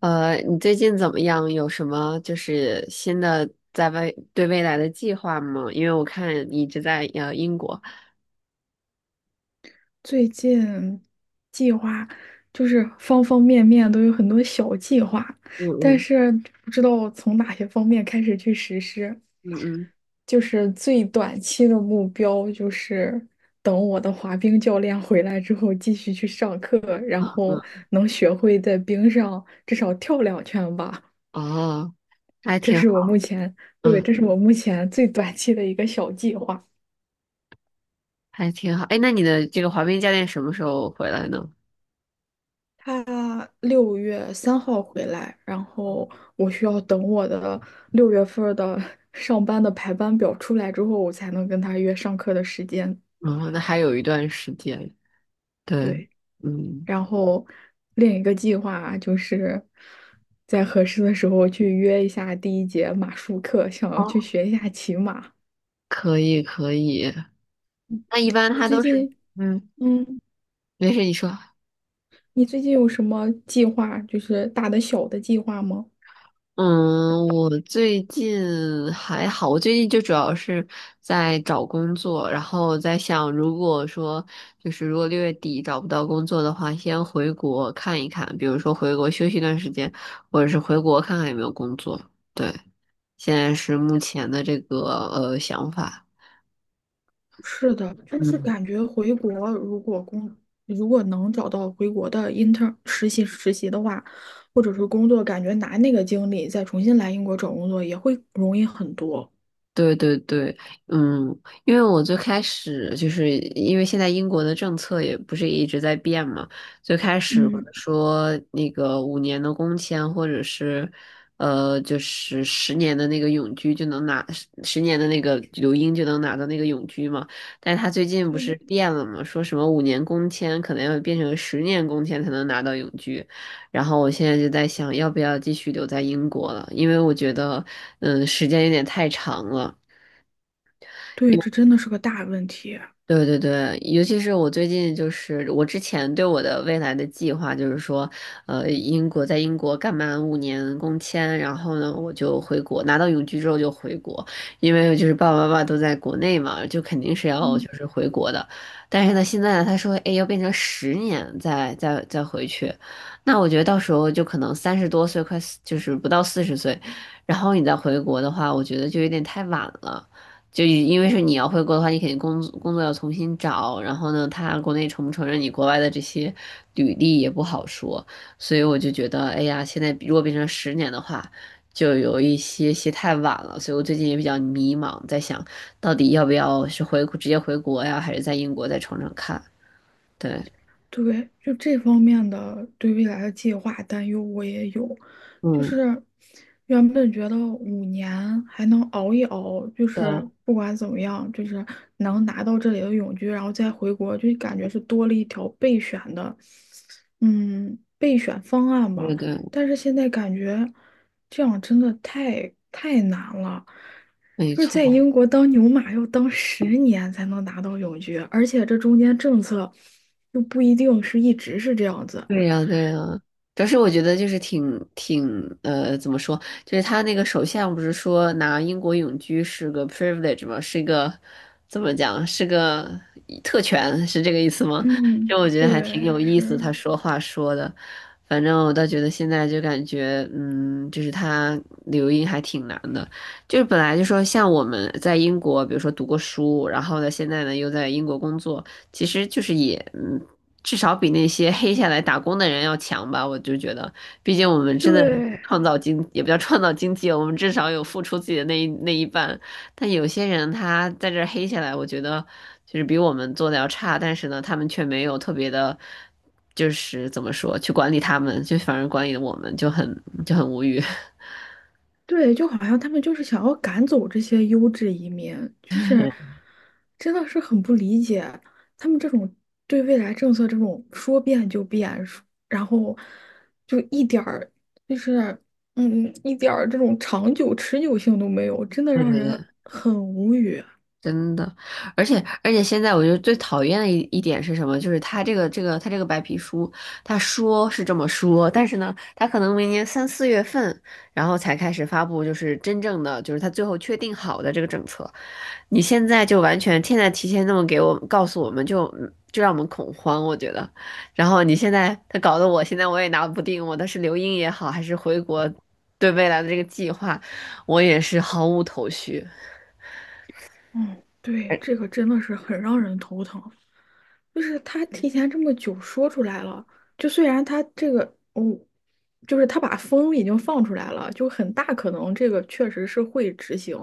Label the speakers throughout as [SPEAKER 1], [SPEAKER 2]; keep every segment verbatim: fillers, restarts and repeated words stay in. [SPEAKER 1] 呃，你最近怎么样？有什么就是新的在外对未来的计划吗？因为我看你一直在呃英国。
[SPEAKER 2] 最近计划就是方方面面都有很多小计划，
[SPEAKER 1] 嗯
[SPEAKER 2] 但
[SPEAKER 1] 嗯。
[SPEAKER 2] 是不知道从哪些方面开始去实施。
[SPEAKER 1] 嗯嗯。
[SPEAKER 2] 就是最短期的目标就是等我的滑冰教练回来之后继续去上课，然
[SPEAKER 1] 啊嗯。
[SPEAKER 2] 后能学会在冰上至少跳两圈吧。
[SPEAKER 1] 哦，还
[SPEAKER 2] 这
[SPEAKER 1] 挺
[SPEAKER 2] 是我
[SPEAKER 1] 好。
[SPEAKER 2] 目前，对，
[SPEAKER 1] 嗯。
[SPEAKER 2] 这是我目前最短期的一个小计划。
[SPEAKER 1] 还挺好。哎，那你的这个滑冰教练什么时候回来呢？
[SPEAKER 2] 他六月三号回来，然后我需要等我的六月份儿的 上班的排班表出来之后，我才能跟他约上课的时间。
[SPEAKER 1] 嗯，那还有一段时间，对。
[SPEAKER 2] 对，
[SPEAKER 1] 嗯。
[SPEAKER 2] 然后另一个计划就是在合适的时候去约一下第一节马术课，想要去
[SPEAKER 1] 哦，
[SPEAKER 2] 学一下骑马。
[SPEAKER 1] 可以可以。那一般
[SPEAKER 2] 你
[SPEAKER 1] 他
[SPEAKER 2] 最
[SPEAKER 1] 都是，
[SPEAKER 2] 近，
[SPEAKER 1] 嗯，
[SPEAKER 2] 嗯，
[SPEAKER 1] 没事，你说。
[SPEAKER 2] 你最近有什么计划，就是大的小的计划吗？
[SPEAKER 1] 嗯，我最近还好，我最近就主要是在找工作，然后在想，如果说就是如果六月底找不到工作的话，先回国看一看，比如说回国休息一段时间，或者是回国看看有没有工作。对，现在是目前的这个呃想法。
[SPEAKER 2] 是的，但是
[SPEAKER 1] 嗯。
[SPEAKER 2] 感觉回国如果工如果能找到回国的 i n t e r 实习实习的话，或者是工作，感觉拿那个经历再重新来英国找工作也会容易很多。
[SPEAKER 1] 对对对。嗯，因为我最开始就是因为现在英国的政策也不是一直在变嘛，最开始可
[SPEAKER 2] 嗯，
[SPEAKER 1] 能说那个五年的工签或者是呃就是十年的那个永居就能拿十十年的那个留英就能拿到那个永居嘛，但是他最近不是
[SPEAKER 2] 对，
[SPEAKER 1] 变了嘛，说什么五年工签可能要变成十年工签才能拿到永居，然后我现在就在想要不要继续留在英国了，因为我觉得嗯时间有点太长了。
[SPEAKER 2] 对，这真的是个大问题。
[SPEAKER 1] 对对对，尤其是我最近就是我之前对我的未来的计划就是说，呃，英国在英国干满五年工签，然后呢我就回国，拿到永居之后就回国，因为就是爸爸妈妈都在国内嘛，就肯定是要
[SPEAKER 2] 嗯。
[SPEAKER 1] 就是回国的。但是呢，现在呢他说，哎，要变成十年再再再回去，那我觉得到时候就可能三十多岁，快四就是不到四十岁，然后你再回国的话，我觉得就有点太晚了。就因为是你要回国的话，你肯定工作工作要重新找，然后呢，他国内承不承认你国外的这些履历也不好说，所以我就觉得，哎呀，现在如果变成十年的话，就有一些些太晚了，所以我最近也比较迷茫，在想到底要不要是回直接回国呀，还是在英国再闯闯看？对。
[SPEAKER 2] 对，就这方面的对未来的计划担忧我也有，就
[SPEAKER 1] 嗯，
[SPEAKER 2] 是原本觉得五年还能熬一熬，就是
[SPEAKER 1] 对。
[SPEAKER 2] 不管怎么样，就是能拿到这里的永居，然后再回国，就感觉是多了一条备选的，嗯，备选方案
[SPEAKER 1] 对
[SPEAKER 2] 吧。
[SPEAKER 1] 对。
[SPEAKER 2] 但是现在感觉这样真的太太难了，
[SPEAKER 1] 没
[SPEAKER 2] 就是在
[SPEAKER 1] 错。
[SPEAKER 2] 英国当牛马要当十年才能拿到永居，而且这中间政策又不一定是一直是这样子。
[SPEAKER 1] 对呀，对呀，主要是我觉得就是挺挺呃，怎么说，就是他那个首相不是说拿英国永居是个 privilege 吗？是一个怎么讲？是个特权，是这个意思吗？就
[SPEAKER 2] 嗯，
[SPEAKER 1] 我觉得还挺
[SPEAKER 2] 对，
[SPEAKER 1] 有意思，
[SPEAKER 2] 是，
[SPEAKER 1] 他说话说的，反正我倒觉得现在就感觉，嗯，就是他留英还挺难的，就是本来就说像我们在英国，比如说读过书，然后呢，现在呢又在英国工作。其实就是也嗯，至少比那些黑下来打工的人要强吧。我就觉得，毕竟我们真的
[SPEAKER 2] 对，
[SPEAKER 1] 创造经，也不叫创造经济，我们至少有付出自己的那一那一半。但有些人他在这儿黑下来，我觉得就是比我们做的要差，但是呢，他们却没有特别的，就是怎么说，去管理他们，就反而管理我们，就很就很无语。
[SPEAKER 2] 对，就好像他们就是想要赶走这些优质移民，就是真的是很不理解他们这种对未来政策这种说变就变，说然后就一点儿就是嗯一点儿这种长久持久性都没有，真的
[SPEAKER 1] 对
[SPEAKER 2] 让
[SPEAKER 1] 对对，
[SPEAKER 2] 人很无语。
[SPEAKER 1] 真的，而且而且现在我觉得最讨厌的一一点是什么？就是他这个这个他这个白皮书，他说是这么说，但是呢，他可能明年三四月份，然后才开始发布，就是真正的就是他最后确定好的这个政策。你现在就完全现在提前那么给我告诉我们就，就让我们恐慌，我觉得。然后你现在他搞得我现在我也拿不定，我的是留英也好，还是回国，对未来的这个计划，我也是毫无头绪。
[SPEAKER 2] 嗯，对，这个真的是很让人头疼。就是他提前这么久说出来了，就虽然他这个，嗯，就是他把风已经放出来了，就很大可能这个确实是会执行，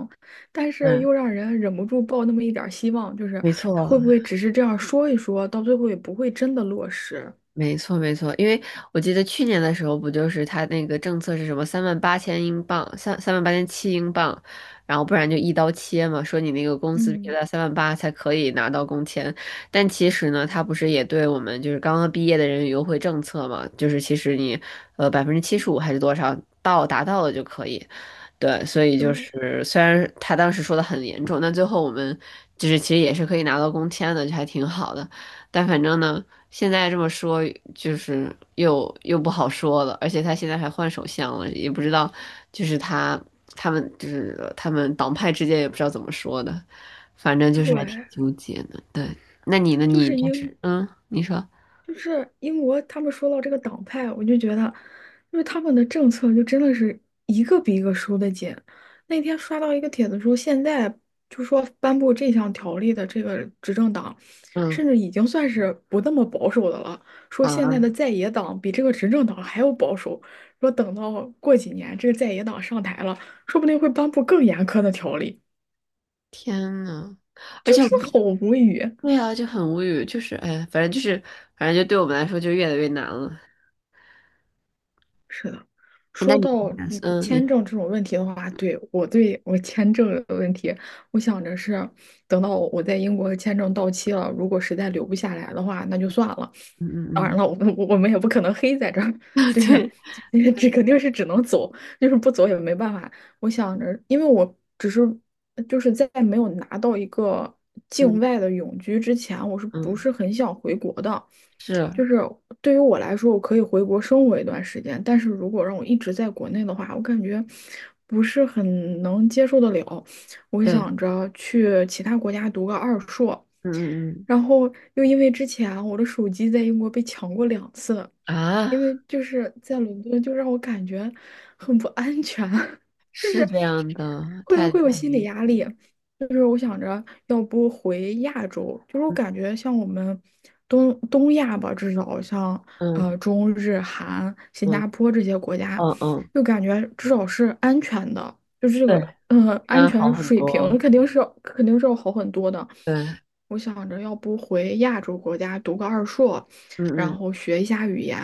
[SPEAKER 2] 但是
[SPEAKER 1] 嗯，
[SPEAKER 2] 又让人忍不住抱那么一点儿希望，就是
[SPEAKER 1] 没
[SPEAKER 2] 他
[SPEAKER 1] 错。
[SPEAKER 2] 会不会只是这样说一说，到最后也不会真的落实？
[SPEAKER 1] 没错，没错，因为我记得去年的时候，不就是他那个政策是什么三万八千英镑，三三万八千七英镑，然后不然就一刀切嘛，说你那个工资必须
[SPEAKER 2] 嗯，
[SPEAKER 1] 在三万八才可以拿到工签。但其实呢，他不是也对我们就是刚刚毕业的人有优惠政策嘛，就是其实你呃百分之七十五还是多少到达到了就可以。对，所以就
[SPEAKER 2] 对，
[SPEAKER 1] 是虽然他当时说的很严重，但最后我们就是其实也是可以拿到工签的，就还挺好的。但反正呢。现在这么说，就是又又不好说了，而且他现在还换首相了，也不知道，就是他他们就是他们党派之间也不知道怎么说的，反正就是还挺
[SPEAKER 2] 对，
[SPEAKER 1] 纠结的。对，那你呢？
[SPEAKER 2] 就
[SPEAKER 1] 你
[SPEAKER 2] 是
[SPEAKER 1] 就是
[SPEAKER 2] 应
[SPEAKER 1] 嗯，你说。
[SPEAKER 2] 就是英国，他们说到这个党派，我就觉得，因为他们的政策就真的是一个比一个收的紧。那天刷到一个帖子说，现在就说颁布这项条例的这个执政党，
[SPEAKER 1] 嗯
[SPEAKER 2] 甚至已经算是不那么保守的了。说现在的
[SPEAKER 1] 啊。
[SPEAKER 2] 在野党比这个执政党还要保守。说等到过几年这个在野党上台了，说不定会颁布更严苛的条例，
[SPEAKER 1] 天呐。而
[SPEAKER 2] 就
[SPEAKER 1] 且我
[SPEAKER 2] 真的好无语。
[SPEAKER 1] 对啊，就很无语，就是哎，反正就是反正就对我们来说就越来越难了。
[SPEAKER 2] 是的，
[SPEAKER 1] 哎那
[SPEAKER 2] 说
[SPEAKER 1] 你。
[SPEAKER 2] 到嗯
[SPEAKER 1] 嗯，你。
[SPEAKER 2] 签证这种问题的话，对，我对我签证的问题，我想着是等到我在英国签证到期了，如果实在留不下来的话，那就算了。
[SPEAKER 1] 嗯
[SPEAKER 2] 当然
[SPEAKER 1] 嗯
[SPEAKER 2] 了，我们我们也不可能黑在这儿，
[SPEAKER 1] 嗯
[SPEAKER 2] 就是
[SPEAKER 1] 对。
[SPEAKER 2] 这肯定是只能走，就是不走也没办法。我想着，因为我只是就是在没有拿到一个境
[SPEAKER 1] 嗯
[SPEAKER 2] 外的永居之前，我是不
[SPEAKER 1] 嗯。
[SPEAKER 2] 是很想回国的？
[SPEAKER 1] 是，
[SPEAKER 2] 就是对于我来说，我可以回国生活一段时间，但是如果让我一直在国内的话，我感觉不是很能接受得了。我
[SPEAKER 1] 对。
[SPEAKER 2] 想着去其他国家读个二硕，
[SPEAKER 1] 嗯嗯。
[SPEAKER 2] 然后又因为之前我的手机在英国被抢过两次，
[SPEAKER 1] 嗯啊。
[SPEAKER 2] 因为就是在伦敦，就让我感觉很不安全，就
[SPEAKER 1] 是
[SPEAKER 2] 是
[SPEAKER 1] 这样的，
[SPEAKER 2] 会
[SPEAKER 1] 太太
[SPEAKER 2] 会有心
[SPEAKER 1] 离
[SPEAKER 2] 理压
[SPEAKER 1] 谱。
[SPEAKER 2] 力。就是我想着，要不回亚洲，就是我
[SPEAKER 1] 嗯
[SPEAKER 2] 感觉像我们东东亚吧，至少像
[SPEAKER 1] 嗯。
[SPEAKER 2] 呃中日韩、新
[SPEAKER 1] 嗯
[SPEAKER 2] 加坡这些国家，
[SPEAKER 1] 嗯。嗯，
[SPEAKER 2] 就感觉至少是安全的，就是这
[SPEAKER 1] 对，
[SPEAKER 2] 个呃
[SPEAKER 1] 当
[SPEAKER 2] 安
[SPEAKER 1] 然样好
[SPEAKER 2] 全
[SPEAKER 1] 很
[SPEAKER 2] 水平
[SPEAKER 1] 多，
[SPEAKER 2] 肯定是要肯定是要好很多的。
[SPEAKER 1] 对。
[SPEAKER 2] 我想着，要不回亚洲国家读个二硕。
[SPEAKER 1] 嗯
[SPEAKER 2] 然
[SPEAKER 1] 嗯
[SPEAKER 2] 后学一下语言，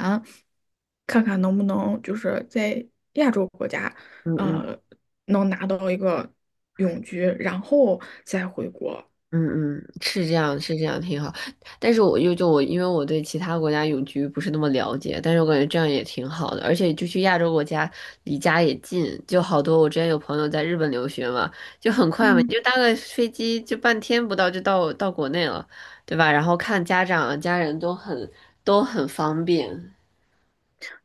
[SPEAKER 2] 看看能不能就是在亚洲国家，
[SPEAKER 1] 嗯嗯
[SPEAKER 2] 呃，能拿到一个永居，然后再回国。
[SPEAKER 1] 嗯嗯。是这样是这样，挺好。但是我又就我，因为我对其他国家永居不是那么了解，但是我感觉这样也挺好的，而且就去亚洲国家，离家也近，就好多。我之前有朋友在日本留学嘛，就很快嘛，你
[SPEAKER 2] 嗯，
[SPEAKER 1] 就搭个飞机就半天不到就到到国内了，对吧？然后看家长啊家人都很都很方便。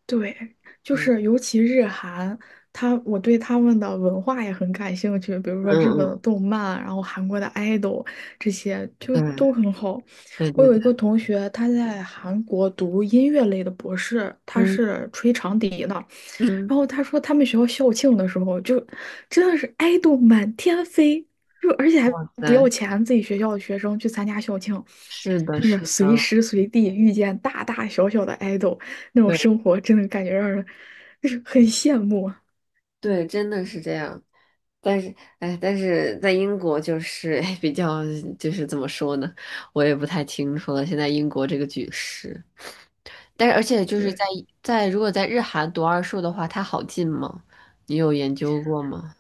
[SPEAKER 2] 对，就
[SPEAKER 1] 嗯。
[SPEAKER 2] 是尤其日韩，他我对他们的文化也很感兴趣，比如说日本的
[SPEAKER 1] 嗯
[SPEAKER 2] 动漫，然后韩国的 idol 这些就
[SPEAKER 1] 嗯。
[SPEAKER 2] 都很好。
[SPEAKER 1] 对
[SPEAKER 2] 我
[SPEAKER 1] 对对
[SPEAKER 2] 有一
[SPEAKER 1] 对。
[SPEAKER 2] 个同学，他在韩国读音乐类的博士，他
[SPEAKER 1] 嗯
[SPEAKER 2] 是吹长笛的。
[SPEAKER 1] 嗯。
[SPEAKER 2] 然后他说他们学校校庆的时候，就真的是爱豆满天飞，就而且 还
[SPEAKER 1] 哇
[SPEAKER 2] 不要
[SPEAKER 1] 塞。
[SPEAKER 2] 钱，自己学校的学生去参加校庆，
[SPEAKER 1] 是的，
[SPEAKER 2] 就
[SPEAKER 1] 是
[SPEAKER 2] 是随
[SPEAKER 1] 的。
[SPEAKER 2] 时随地遇见大大小小的爱豆，那种
[SPEAKER 1] 对。
[SPEAKER 2] 生活真的感觉让人就是很羡慕啊。
[SPEAKER 1] 对，真的是这样。但是，哎，但是在英国就是 比较，就是怎么说呢，我也不太清楚了。现在英国这个局势，但是而且就是
[SPEAKER 2] 对，
[SPEAKER 1] 在在如果在日韩读二硕的话，它好进吗？你有研究过吗？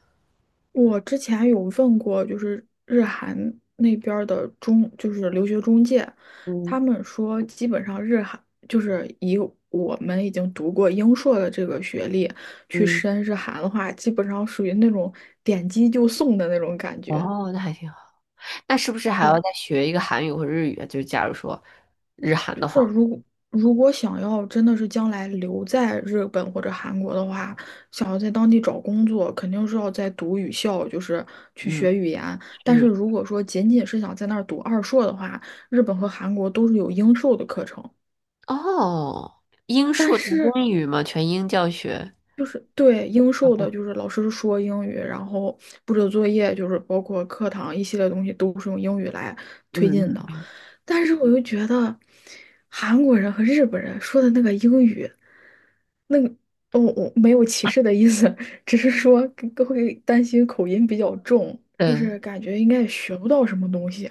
[SPEAKER 2] 我之前有问过，就是日韩那边儿的中，就是留学中介，
[SPEAKER 1] 嗯
[SPEAKER 2] 他们说基本上日韩就是以我们已经读过英硕的这个学历去
[SPEAKER 1] 嗯。
[SPEAKER 2] 申日韩的话，基本上属于那种点击就送的那种感觉。
[SPEAKER 1] 哦，那还挺好。那是不是还
[SPEAKER 2] 是
[SPEAKER 1] 要
[SPEAKER 2] 的，
[SPEAKER 1] 再学一个韩语或者日语啊？就是假如说日韩
[SPEAKER 2] 就
[SPEAKER 1] 的
[SPEAKER 2] 是
[SPEAKER 1] 话，
[SPEAKER 2] 如果如果想要真的是将来留在日本或者韩国的话，想要在当地找工作，肯定是要在读语校，就是去
[SPEAKER 1] 嗯嗯。
[SPEAKER 2] 学语言。但是
[SPEAKER 1] 是。
[SPEAKER 2] 如果说仅仅是想在那儿读二硕的话，日本和韩国都是有英授的课程，
[SPEAKER 1] 哦，英
[SPEAKER 2] 但
[SPEAKER 1] 数读
[SPEAKER 2] 是
[SPEAKER 1] 英语嘛，全英教学。
[SPEAKER 2] 就是对英授的，就是老师说英语，然后布置作业，就是包括课堂一系列东西都是用英语来推进
[SPEAKER 1] 嗯，
[SPEAKER 2] 的。但是我又觉得韩国人和日本人说的那个英语。那个，哦，我没有歧视的意思，只是说更会担心口音比较重，就
[SPEAKER 1] 对，
[SPEAKER 2] 是感觉应该也学不到什么东西。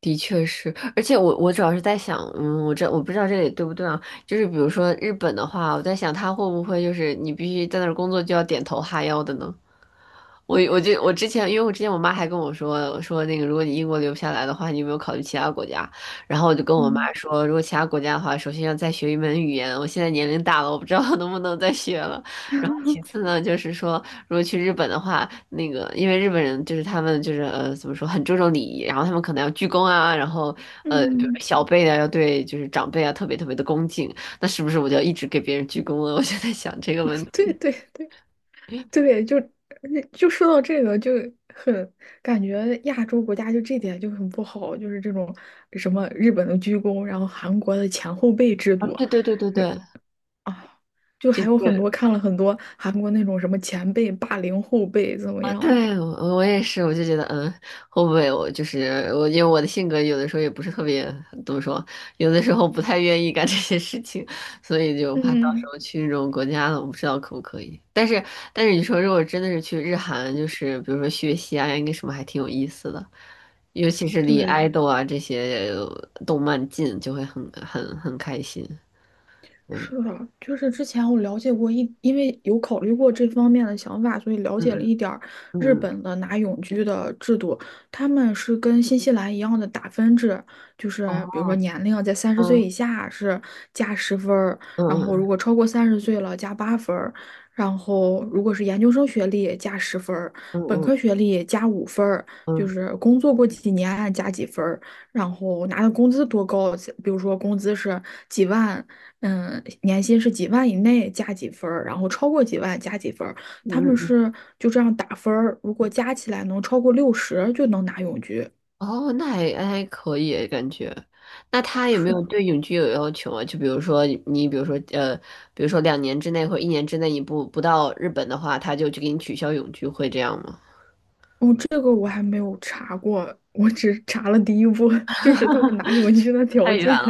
[SPEAKER 1] 的确是，而且我我主要是在想，嗯，我这我不知道这里对不对啊？就是比如说日本的话，我在想他会不会就是你必须在那儿工作就要点头哈腰的呢？我我就我之前，因为我之前我妈还跟我说说那个，如果你英国留不下来的话，你有没有考虑其他国家？然后我就跟我妈
[SPEAKER 2] 嗯
[SPEAKER 1] 说，如果其他国家的话，首先要再学一门语言。我现在年龄大了，我不知道能不能再学了。然后其次呢，就是说如果去日本的话，那个因为日本人就是他们就是呃怎么说很注重礼仪，然后他们可能要鞠躬啊，然后呃比如说
[SPEAKER 2] 嗯，
[SPEAKER 1] 小辈啊要对就是长辈啊特别特别的恭敬，那是不是我就要一直给别人鞠躬了？我就在想这个问
[SPEAKER 2] 对
[SPEAKER 1] 题。
[SPEAKER 2] 对对对，就呃就说到这个，就很感觉亚洲国家就这点就很不好，就是这种什么日本的鞠躬，然后韩国的前后辈制
[SPEAKER 1] 啊，
[SPEAKER 2] 度，
[SPEAKER 1] 对对对对
[SPEAKER 2] 是
[SPEAKER 1] 对。
[SPEAKER 2] 啊，就
[SPEAKER 1] 就。
[SPEAKER 2] 还有很
[SPEAKER 1] 这
[SPEAKER 2] 多看了很多韩国那种什么前辈霸凌后辈怎么 样？
[SPEAKER 1] 对，我我也是，我就觉得，嗯，会不会我就是我，因为我的性格有的时候也不是特别，怎么说，有的时候不太愿意干这些事情，所以就怕到时
[SPEAKER 2] 嗯，
[SPEAKER 1] 候去那种国家了，我不知道可不可以。但是，但是你说如果真的是去日韩，就是比如说学习啊，应该什么还挺有意思的，尤其是离
[SPEAKER 2] 对，
[SPEAKER 1] 爱豆啊这些动漫近，就会很很很开心。嗯
[SPEAKER 2] 是的，就是之前我了解过一，因为有考虑过这方面的想法，所以了解了
[SPEAKER 1] 嗯
[SPEAKER 2] 一点儿日
[SPEAKER 1] 嗯
[SPEAKER 2] 本的拿永居的制度。他们是跟新西兰一样的打分制，就是比如
[SPEAKER 1] 嗯
[SPEAKER 2] 说年龄在三十
[SPEAKER 1] 嗯，
[SPEAKER 2] 岁
[SPEAKER 1] 哦，
[SPEAKER 2] 以下是加十分儿，然后如
[SPEAKER 1] 嗯
[SPEAKER 2] 果超过三十岁了加八分儿，然后如果是研究生学历加十分儿，
[SPEAKER 1] 嗯
[SPEAKER 2] 本
[SPEAKER 1] 嗯嗯
[SPEAKER 2] 科学历加五分儿，
[SPEAKER 1] 嗯嗯嗯
[SPEAKER 2] 就
[SPEAKER 1] 嗯
[SPEAKER 2] 是工作过几年加几分儿。然后拿的工资多高，比如说工资是几万，嗯，年薪是几万以内加几分儿，然后超过几万加几分儿，他们
[SPEAKER 1] 嗯。
[SPEAKER 2] 是就这样打分儿，如果加起来能超过六十就能拿永居。
[SPEAKER 1] 哦，那还还可以感觉。那他有没
[SPEAKER 2] 是
[SPEAKER 1] 有
[SPEAKER 2] 的，
[SPEAKER 1] 对永居有要求啊？就比如说你，比如说呃，比如说两年之内或一年之内你不不到日本的话，他就去给你取消永居，会这样吗？
[SPEAKER 2] 哦，这个我还没有查过，我只查了第一步，就是他们拿永居的
[SPEAKER 1] 太
[SPEAKER 2] 条
[SPEAKER 1] 远
[SPEAKER 2] 件。
[SPEAKER 1] 了。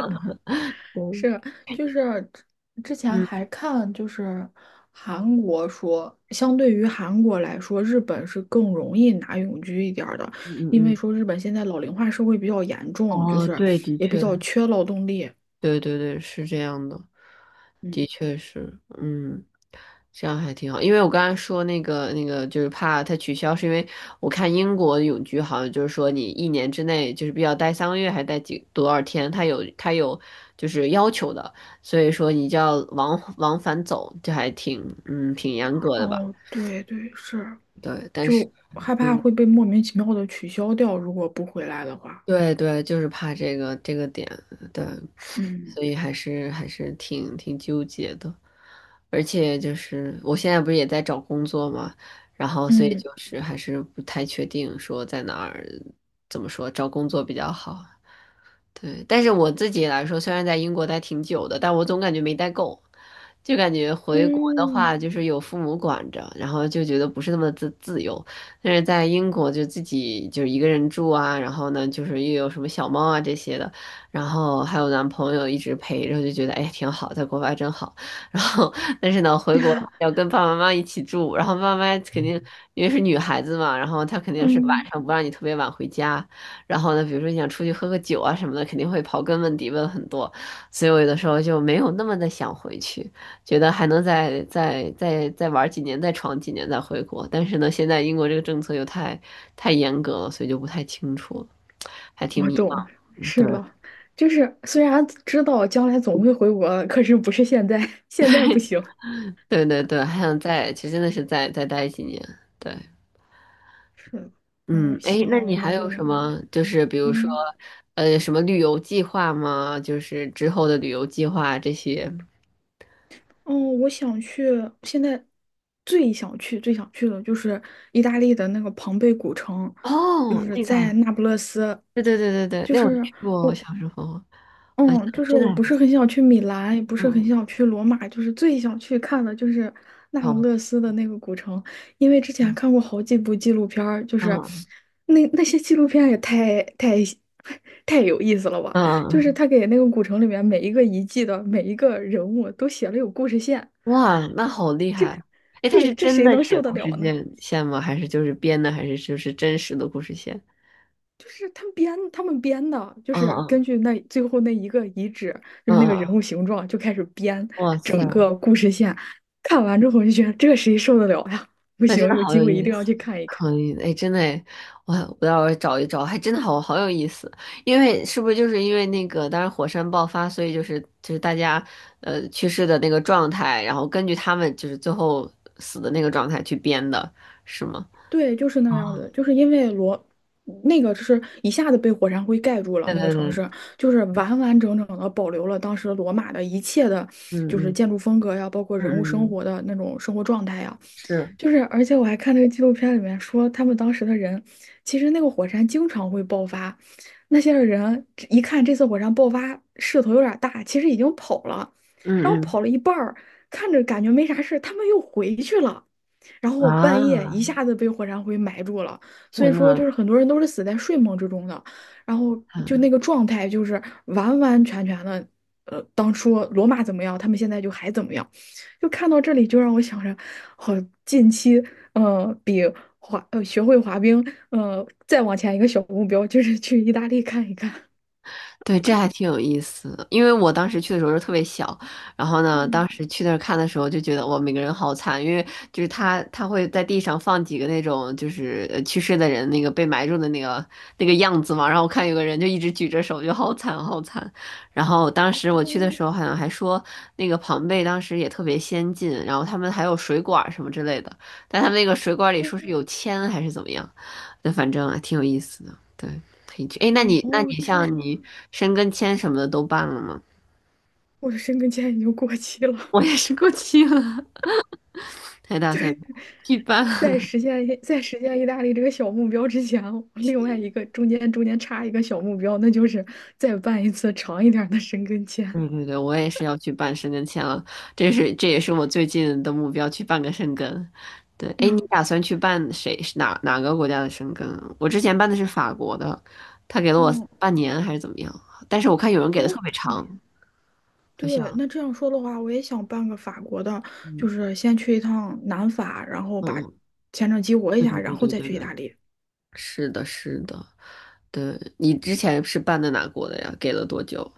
[SPEAKER 1] 对
[SPEAKER 2] 是，就是之前还
[SPEAKER 1] 嗯
[SPEAKER 2] 看，就是韩国说，相对于韩国来说，日本是更容易拿永居一点儿的，
[SPEAKER 1] 嗯
[SPEAKER 2] 因
[SPEAKER 1] 嗯
[SPEAKER 2] 为
[SPEAKER 1] 嗯，
[SPEAKER 2] 说日本现在老龄化社会比较严重，就
[SPEAKER 1] 哦，
[SPEAKER 2] 是
[SPEAKER 1] 对，的
[SPEAKER 2] 也比
[SPEAKER 1] 确。
[SPEAKER 2] 较缺劳动力。
[SPEAKER 1] 对对对，是这样的，
[SPEAKER 2] 嗯，
[SPEAKER 1] 的确是，嗯，这样还挺好。因为我刚才说那个那个，就是怕它取消，是因为我看英国的永居好像就是说你一年之内就是必须要待三个月，还待几多少天，它有它有就是要求的，所以说你就要往往返走，这还挺嗯挺严格的吧？
[SPEAKER 2] 哦，对对，是，
[SPEAKER 1] 对，但是
[SPEAKER 2] 就害怕
[SPEAKER 1] 嗯，
[SPEAKER 2] 会被莫名其妙的取消掉，如果不回来的话。
[SPEAKER 1] 对对，就是怕这个这个点，对。
[SPEAKER 2] 嗯
[SPEAKER 1] 所以还是还是挺挺纠结的。而且就是我现在不是也在找工作嘛，然后所以
[SPEAKER 2] 嗯
[SPEAKER 1] 就是还是不太确定说在哪儿，怎么说找工作比较好。对，但是我自己来说，虽然在英国待挺久的，但我总感觉没待够，就感觉回国的
[SPEAKER 2] 嗯
[SPEAKER 1] 话，就是有父母管着，然后就觉得不是那么自自由。但是在英国就自己就是一个人住啊，然后呢，就是又有什么小猫啊这些的，然后还有男朋友一直陪着，就觉得哎挺好，在国外真好。然后但是呢，回国要跟爸爸妈妈一起住，然后爸妈肯定因为是女孩子嘛，然后她肯定是晚
[SPEAKER 2] 嗯。
[SPEAKER 1] 上不让你特别晚回家。然后呢，比如说你想出去喝个酒啊什么的，肯定会刨根问底问很多，所以我有的时候就没有那么的想回去，觉得还能再再再再玩几年，再闯几年再回国。但是呢，现在英国这个政策又太太严格了，所以就不太清楚了，还挺
[SPEAKER 2] 我
[SPEAKER 1] 迷
[SPEAKER 2] 懂，
[SPEAKER 1] 茫。
[SPEAKER 2] 是
[SPEAKER 1] 对
[SPEAKER 2] 了，就是虽然知道将来总会回国的可是不是现在，现在不行。
[SPEAKER 1] 对对对，还想再，其实真的是再再待几年。对，
[SPEAKER 2] 是的，
[SPEAKER 1] 嗯，
[SPEAKER 2] 嗯，希
[SPEAKER 1] 哎，那
[SPEAKER 2] 望
[SPEAKER 1] 你
[SPEAKER 2] 我们
[SPEAKER 1] 还
[SPEAKER 2] 都
[SPEAKER 1] 有什
[SPEAKER 2] 能，
[SPEAKER 1] 么？就是比如说，
[SPEAKER 2] 嗯，
[SPEAKER 1] 呃，什么旅游计划吗？就是之后的旅游计划这些。
[SPEAKER 2] 哦，我想去，现在最想去、最想去的就是意大利的那个庞贝古城，就
[SPEAKER 1] 哦，
[SPEAKER 2] 是
[SPEAKER 1] 那个。
[SPEAKER 2] 在那不勒斯，
[SPEAKER 1] 对对对对对，
[SPEAKER 2] 就
[SPEAKER 1] 那我
[SPEAKER 2] 是。
[SPEAKER 1] 去过，我
[SPEAKER 2] 我。
[SPEAKER 1] 小时候好像
[SPEAKER 2] 嗯，就是
[SPEAKER 1] 真的
[SPEAKER 2] 我
[SPEAKER 1] 还
[SPEAKER 2] 不
[SPEAKER 1] 不
[SPEAKER 2] 是
[SPEAKER 1] 错。
[SPEAKER 2] 很想去米兰，也不是很
[SPEAKER 1] 嗯，
[SPEAKER 2] 想去罗马，就是最想去看的就是那
[SPEAKER 1] 嗯，
[SPEAKER 2] 不
[SPEAKER 1] 步，
[SPEAKER 2] 勒斯的那个古城，因为之前看
[SPEAKER 1] 嗯
[SPEAKER 2] 过好几部纪录片儿就是
[SPEAKER 1] 嗯
[SPEAKER 2] 那那些纪录片也太太 太有意思了吧！
[SPEAKER 1] 嗯，
[SPEAKER 2] 就是
[SPEAKER 1] 嗯
[SPEAKER 2] 他给那个古城里面每一个遗迹的每一个人物都写了有故事线，
[SPEAKER 1] 哇，那好厉害！哎，他
[SPEAKER 2] 对，
[SPEAKER 1] 是
[SPEAKER 2] 这
[SPEAKER 1] 真
[SPEAKER 2] 谁
[SPEAKER 1] 的
[SPEAKER 2] 能
[SPEAKER 1] 写
[SPEAKER 2] 受得
[SPEAKER 1] 故事
[SPEAKER 2] 了呢？
[SPEAKER 1] 线线吗？还是就是编的？还是就是真实的故事线？
[SPEAKER 2] 就是他们编，他们编的，就
[SPEAKER 1] 嗯
[SPEAKER 2] 是
[SPEAKER 1] 嗯
[SPEAKER 2] 根据那最后那一个遗址，就是
[SPEAKER 1] 嗯
[SPEAKER 2] 那个人物
[SPEAKER 1] 嗯，
[SPEAKER 2] 形状就开始编，
[SPEAKER 1] 哇塞，
[SPEAKER 2] 看完之后我就觉得这谁受得了呀？不
[SPEAKER 1] 那真
[SPEAKER 2] 行，
[SPEAKER 1] 的
[SPEAKER 2] 有
[SPEAKER 1] 好
[SPEAKER 2] 机
[SPEAKER 1] 有
[SPEAKER 2] 会一
[SPEAKER 1] 意
[SPEAKER 2] 定要
[SPEAKER 1] 思。
[SPEAKER 2] 去看一看。
[SPEAKER 1] 可以的，哎，真的诶，我我要找一找，还真的好好有意思。因为是不是就是因为那个，当时火山爆发，所以就是就是大家呃去世的那个状态，然后根据他们就是最后死的那个状态去编的，是吗？
[SPEAKER 2] 对，就是那个样
[SPEAKER 1] 哦，
[SPEAKER 2] 子，就是因为罗那个是一下子被火山灰盖住了，
[SPEAKER 1] 对
[SPEAKER 2] 那个
[SPEAKER 1] 对
[SPEAKER 2] 城
[SPEAKER 1] 对，
[SPEAKER 2] 市就是完完整整的保留了当时罗马的一切的，
[SPEAKER 1] 嗯
[SPEAKER 2] 就是
[SPEAKER 1] 嗯
[SPEAKER 2] 建筑风格呀，包括
[SPEAKER 1] 嗯
[SPEAKER 2] 人物
[SPEAKER 1] 嗯
[SPEAKER 2] 生
[SPEAKER 1] 嗯，
[SPEAKER 2] 活的那种生活状态呀。
[SPEAKER 1] 是，
[SPEAKER 2] 就是，而且我还看那个纪录片里面说，他们当时的人，其实那个火山经常会爆发，那些人一看这次火山爆发势头有点大，其实已经跑了，然后
[SPEAKER 1] 嗯
[SPEAKER 2] 跑了一半儿，看着感觉没啥事，他们又回去了。然
[SPEAKER 1] 嗯
[SPEAKER 2] 后半夜一
[SPEAKER 1] 啊，
[SPEAKER 2] 下子被火山灰埋住了，所以
[SPEAKER 1] 天
[SPEAKER 2] 说就
[SPEAKER 1] 呐，
[SPEAKER 2] 是很多人都是死在睡梦之中的，然后就那个状态就是完完全全的，呃，当初罗马怎么样，他们现在就还怎么样，就看到这里就让我想着，好，近期呃比滑呃学会滑冰，呃再往前一个小目标就是去意大利看一看。
[SPEAKER 1] 对，这还挺有意思的，因为我当时去的时候是特别小，然后呢，
[SPEAKER 2] 嗯，
[SPEAKER 1] 当时去那儿看的时候就觉得哇，每个人好惨，因为就是他他会在地上放几个那种就是呃去世的人那个被埋住的那个那个样子嘛，然后我看有个人就一直举着手，就好惨好惨。然后当
[SPEAKER 2] 哦
[SPEAKER 1] 时我去
[SPEAKER 2] 哦
[SPEAKER 1] 的时候好像还说那个庞贝当时也特别先进，然后他们还有水管儿什么之类的，但他们那个水管儿里说是有铅还是怎么样，那反正还挺有意思的，对。可以去。哎，那
[SPEAKER 2] 哦，
[SPEAKER 1] 你那
[SPEAKER 2] 哦，
[SPEAKER 1] 你
[SPEAKER 2] 这
[SPEAKER 1] 像
[SPEAKER 2] 样，
[SPEAKER 1] 你申根签什么的都办了吗？
[SPEAKER 2] 我的申根签已经过期了。
[SPEAKER 1] 我也是过期了，还打算去办。
[SPEAKER 2] 在 实现在实现意大利这个小目标之前，另外一个中间中间插一个小目标，那就是再办一次长一点儿的申根签。
[SPEAKER 1] 对对对，我也是要去办申根签了，这是这也是我最近的目标，去办个申根。对，哎，你
[SPEAKER 2] 嗯，
[SPEAKER 1] 打算去办谁哪哪个国家的申根啊？我之前办的是法国的，他给了我
[SPEAKER 2] 嗯，
[SPEAKER 1] 半年还是怎么样？但是我看有人给的
[SPEAKER 2] 哦，
[SPEAKER 1] 特别
[SPEAKER 2] 半
[SPEAKER 1] 长，
[SPEAKER 2] 年。
[SPEAKER 1] 好像，
[SPEAKER 2] 对，那这样说的话，我也想办个法国的，
[SPEAKER 1] 嗯
[SPEAKER 2] 就是先去一趟南法，然后把
[SPEAKER 1] 嗯，
[SPEAKER 2] 签证激活一
[SPEAKER 1] 对对
[SPEAKER 2] 下，然
[SPEAKER 1] 对
[SPEAKER 2] 后
[SPEAKER 1] 对
[SPEAKER 2] 再
[SPEAKER 1] 对
[SPEAKER 2] 去意
[SPEAKER 1] 对，
[SPEAKER 2] 大利。
[SPEAKER 1] 是的，是的，对，你之前是办的哪国的呀？给了多久？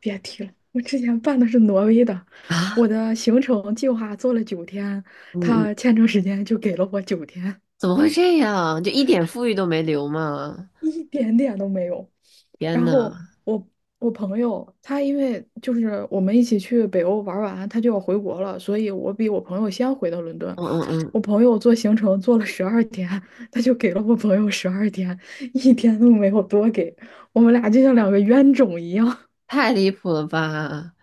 [SPEAKER 2] 别提了，我之前办的是挪威的，我
[SPEAKER 1] 啊，
[SPEAKER 2] 的行程计划做了九天，
[SPEAKER 1] 嗯嗯，
[SPEAKER 2] 他签证时间就给了我九天。
[SPEAKER 1] 怎么会这样？就一点富裕都没留吗？
[SPEAKER 2] 一点点都没有。
[SPEAKER 1] 天
[SPEAKER 2] 然
[SPEAKER 1] 呐，
[SPEAKER 2] 后我我朋友他因为就是我们一起去北欧玩完，他就要回国了，所以我比我朋友先回到伦敦。
[SPEAKER 1] 嗯嗯
[SPEAKER 2] 我
[SPEAKER 1] 嗯，
[SPEAKER 2] 朋友做行程做了十二天，他就给了我朋友十二天，一天都没有多给。我们俩就像两个冤种一样。
[SPEAKER 1] 太离谱了吧！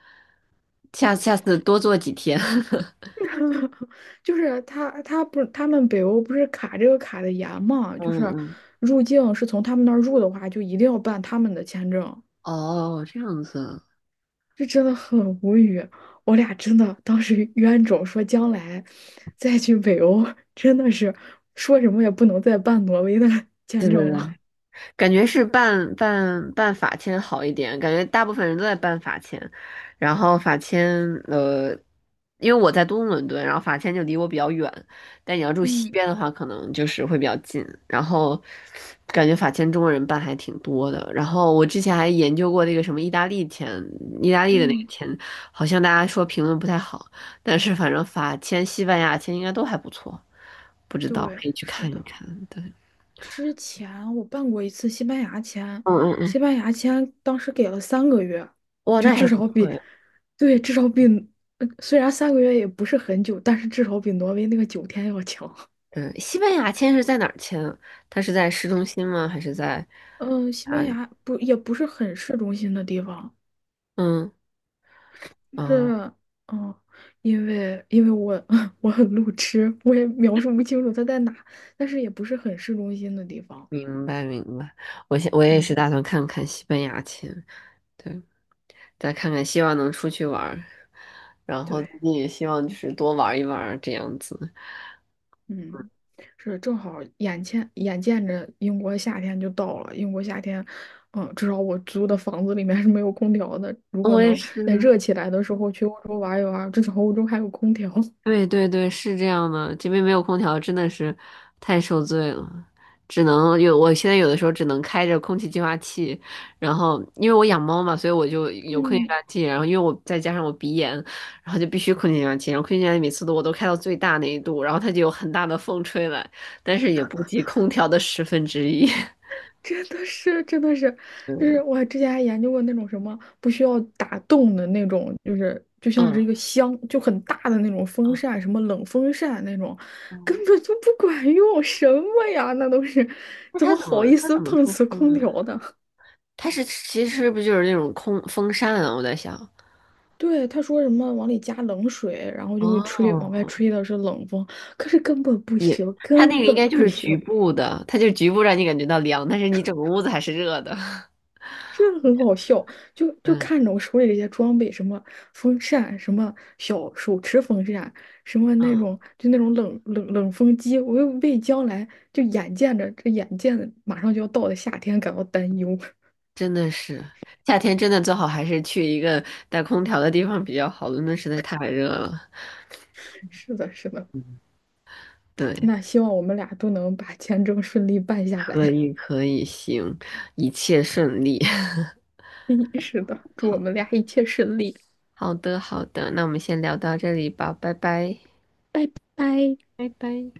[SPEAKER 1] 下下次多做几天。
[SPEAKER 2] 就是他他不是他们北欧不是卡这个卡的严嘛，就是
[SPEAKER 1] 嗯嗯，
[SPEAKER 2] 入境是从他们那儿入的话，就一定要办他们的签证。
[SPEAKER 1] 哦，这样子啊，
[SPEAKER 2] 这真的很无语，我俩真的当时 冤种说将来再去北欧，真的是说什么也不能再办挪威的
[SPEAKER 1] 对
[SPEAKER 2] 签
[SPEAKER 1] 对
[SPEAKER 2] 证了。
[SPEAKER 1] 对，感觉是办办办法签好一点，感觉大部分人都在办法签，然后法签呃，因为我在东伦敦，然后法签就离我比较远，但你要住西
[SPEAKER 2] 嗯
[SPEAKER 1] 边的话，可能就是会比较近。然后感觉法签中国人办还挺多的，然后我之前还研究过那个什么意大利签，意大利的那个
[SPEAKER 2] 嗯，
[SPEAKER 1] 签，好像大家说评论不太好，但是反正法签、西班牙签应该都还不错，不知道
[SPEAKER 2] 对，
[SPEAKER 1] 可以去
[SPEAKER 2] 是
[SPEAKER 1] 看一
[SPEAKER 2] 的。
[SPEAKER 1] 看。对，
[SPEAKER 2] 之前我办过一次西班牙签，
[SPEAKER 1] 嗯嗯
[SPEAKER 2] 西
[SPEAKER 1] 嗯，
[SPEAKER 2] 班牙签当时给了三个月，
[SPEAKER 1] 哇，
[SPEAKER 2] 就
[SPEAKER 1] 那还
[SPEAKER 2] 至
[SPEAKER 1] 不
[SPEAKER 2] 少
[SPEAKER 1] 错。
[SPEAKER 2] 比，
[SPEAKER 1] 呀。
[SPEAKER 2] 对，至少比，呃虽然三个月也不是很久，但是至少比挪威那个九天要强。
[SPEAKER 1] 嗯，西班牙签是在哪儿签啊？它是在市中心吗？还是在
[SPEAKER 2] 嗯、西
[SPEAKER 1] 哪
[SPEAKER 2] 班
[SPEAKER 1] 里？
[SPEAKER 2] 牙不也不是很市中心的地方，
[SPEAKER 1] 嗯，哦，
[SPEAKER 2] 是，嗯，因为因为我 我很路痴，我也描述不清楚它在哪，但是也不是很市中心的地方。
[SPEAKER 1] 明白明白。我现我也是
[SPEAKER 2] 嗯，
[SPEAKER 1] 打算看看西班牙签，对，再看看，希望能出去玩儿，然后
[SPEAKER 2] 对，
[SPEAKER 1] 自己也希望就是多玩一玩儿这样子。
[SPEAKER 2] 嗯，是正好眼前眼见着英国夏天就到了，英国夏天，嗯，至少我租的房子里面是没有空调的。如果
[SPEAKER 1] 我也
[SPEAKER 2] 能
[SPEAKER 1] 是，
[SPEAKER 2] 在热起来的时候去欧洲玩一玩，至少欧洲还有空调。
[SPEAKER 1] 对对对，是这样的，这边没有空调，真的是太受罪了，只能有，我现在有的时候只能开着空气净化器，然后因为我养猫嘛，所以我就有空气净
[SPEAKER 2] 嗯。
[SPEAKER 1] 化器，然后因为我再加上我鼻炎，然后就必须空气净化器，然后空气净化器每次都我都开到最大那一度，然后它就有很大的风吹来，但是也不及空调的十分之一。
[SPEAKER 2] 真的是，真的是，就
[SPEAKER 1] 嗯
[SPEAKER 2] 是我之前还研究过那种什么不需要打洞的那种，就是就像
[SPEAKER 1] 嗯，
[SPEAKER 2] 是一个箱，就很大的那种风扇，什么冷风扇那种，根
[SPEAKER 1] 嗯
[SPEAKER 2] 本就不管用，什么呀？那都是
[SPEAKER 1] 那
[SPEAKER 2] 怎
[SPEAKER 1] 它
[SPEAKER 2] 么
[SPEAKER 1] 怎
[SPEAKER 2] 好
[SPEAKER 1] 么
[SPEAKER 2] 意
[SPEAKER 1] 它
[SPEAKER 2] 思
[SPEAKER 1] 怎么
[SPEAKER 2] 碰
[SPEAKER 1] 出
[SPEAKER 2] 瓷
[SPEAKER 1] 风
[SPEAKER 2] 空调
[SPEAKER 1] 啊？
[SPEAKER 2] 的？
[SPEAKER 1] 它是其实是不是就是那种空风扇啊？我在想。
[SPEAKER 2] 对，他说什么往里加冷水，然后就会吹，往外
[SPEAKER 1] 哦
[SPEAKER 2] 吹的是冷风，可是根本不行，
[SPEAKER 1] 它那
[SPEAKER 2] 根
[SPEAKER 1] 个应
[SPEAKER 2] 本
[SPEAKER 1] 该就
[SPEAKER 2] 不
[SPEAKER 1] 是
[SPEAKER 2] 行。
[SPEAKER 1] 局部的，它就局部让你感觉到凉，但是你整个屋子还是热的。
[SPEAKER 2] 真的很好笑，就就
[SPEAKER 1] 嗯
[SPEAKER 2] 看着我手里这些装备，什么风扇，什么小手持风扇，什么那
[SPEAKER 1] 嗯，
[SPEAKER 2] 种就那种冷冷冷风机，我又为将来就眼见着这眼见着马上就要到的夏天感到担忧。
[SPEAKER 1] 真的是，夏天真的最好还是去一个带空调的地方比较好，伦敦实在太热了。
[SPEAKER 2] 是的，是的，
[SPEAKER 1] 对，
[SPEAKER 2] 那希望我们俩都能把签证顺利办下
[SPEAKER 1] 可
[SPEAKER 2] 来。
[SPEAKER 1] 以可以，行，一切顺利。
[SPEAKER 2] 是的，祝我们
[SPEAKER 1] 好
[SPEAKER 2] 俩一切顺利，
[SPEAKER 1] 好的好的，那我们先聊到这里吧，拜拜。
[SPEAKER 2] 拜。
[SPEAKER 1] 拜拜。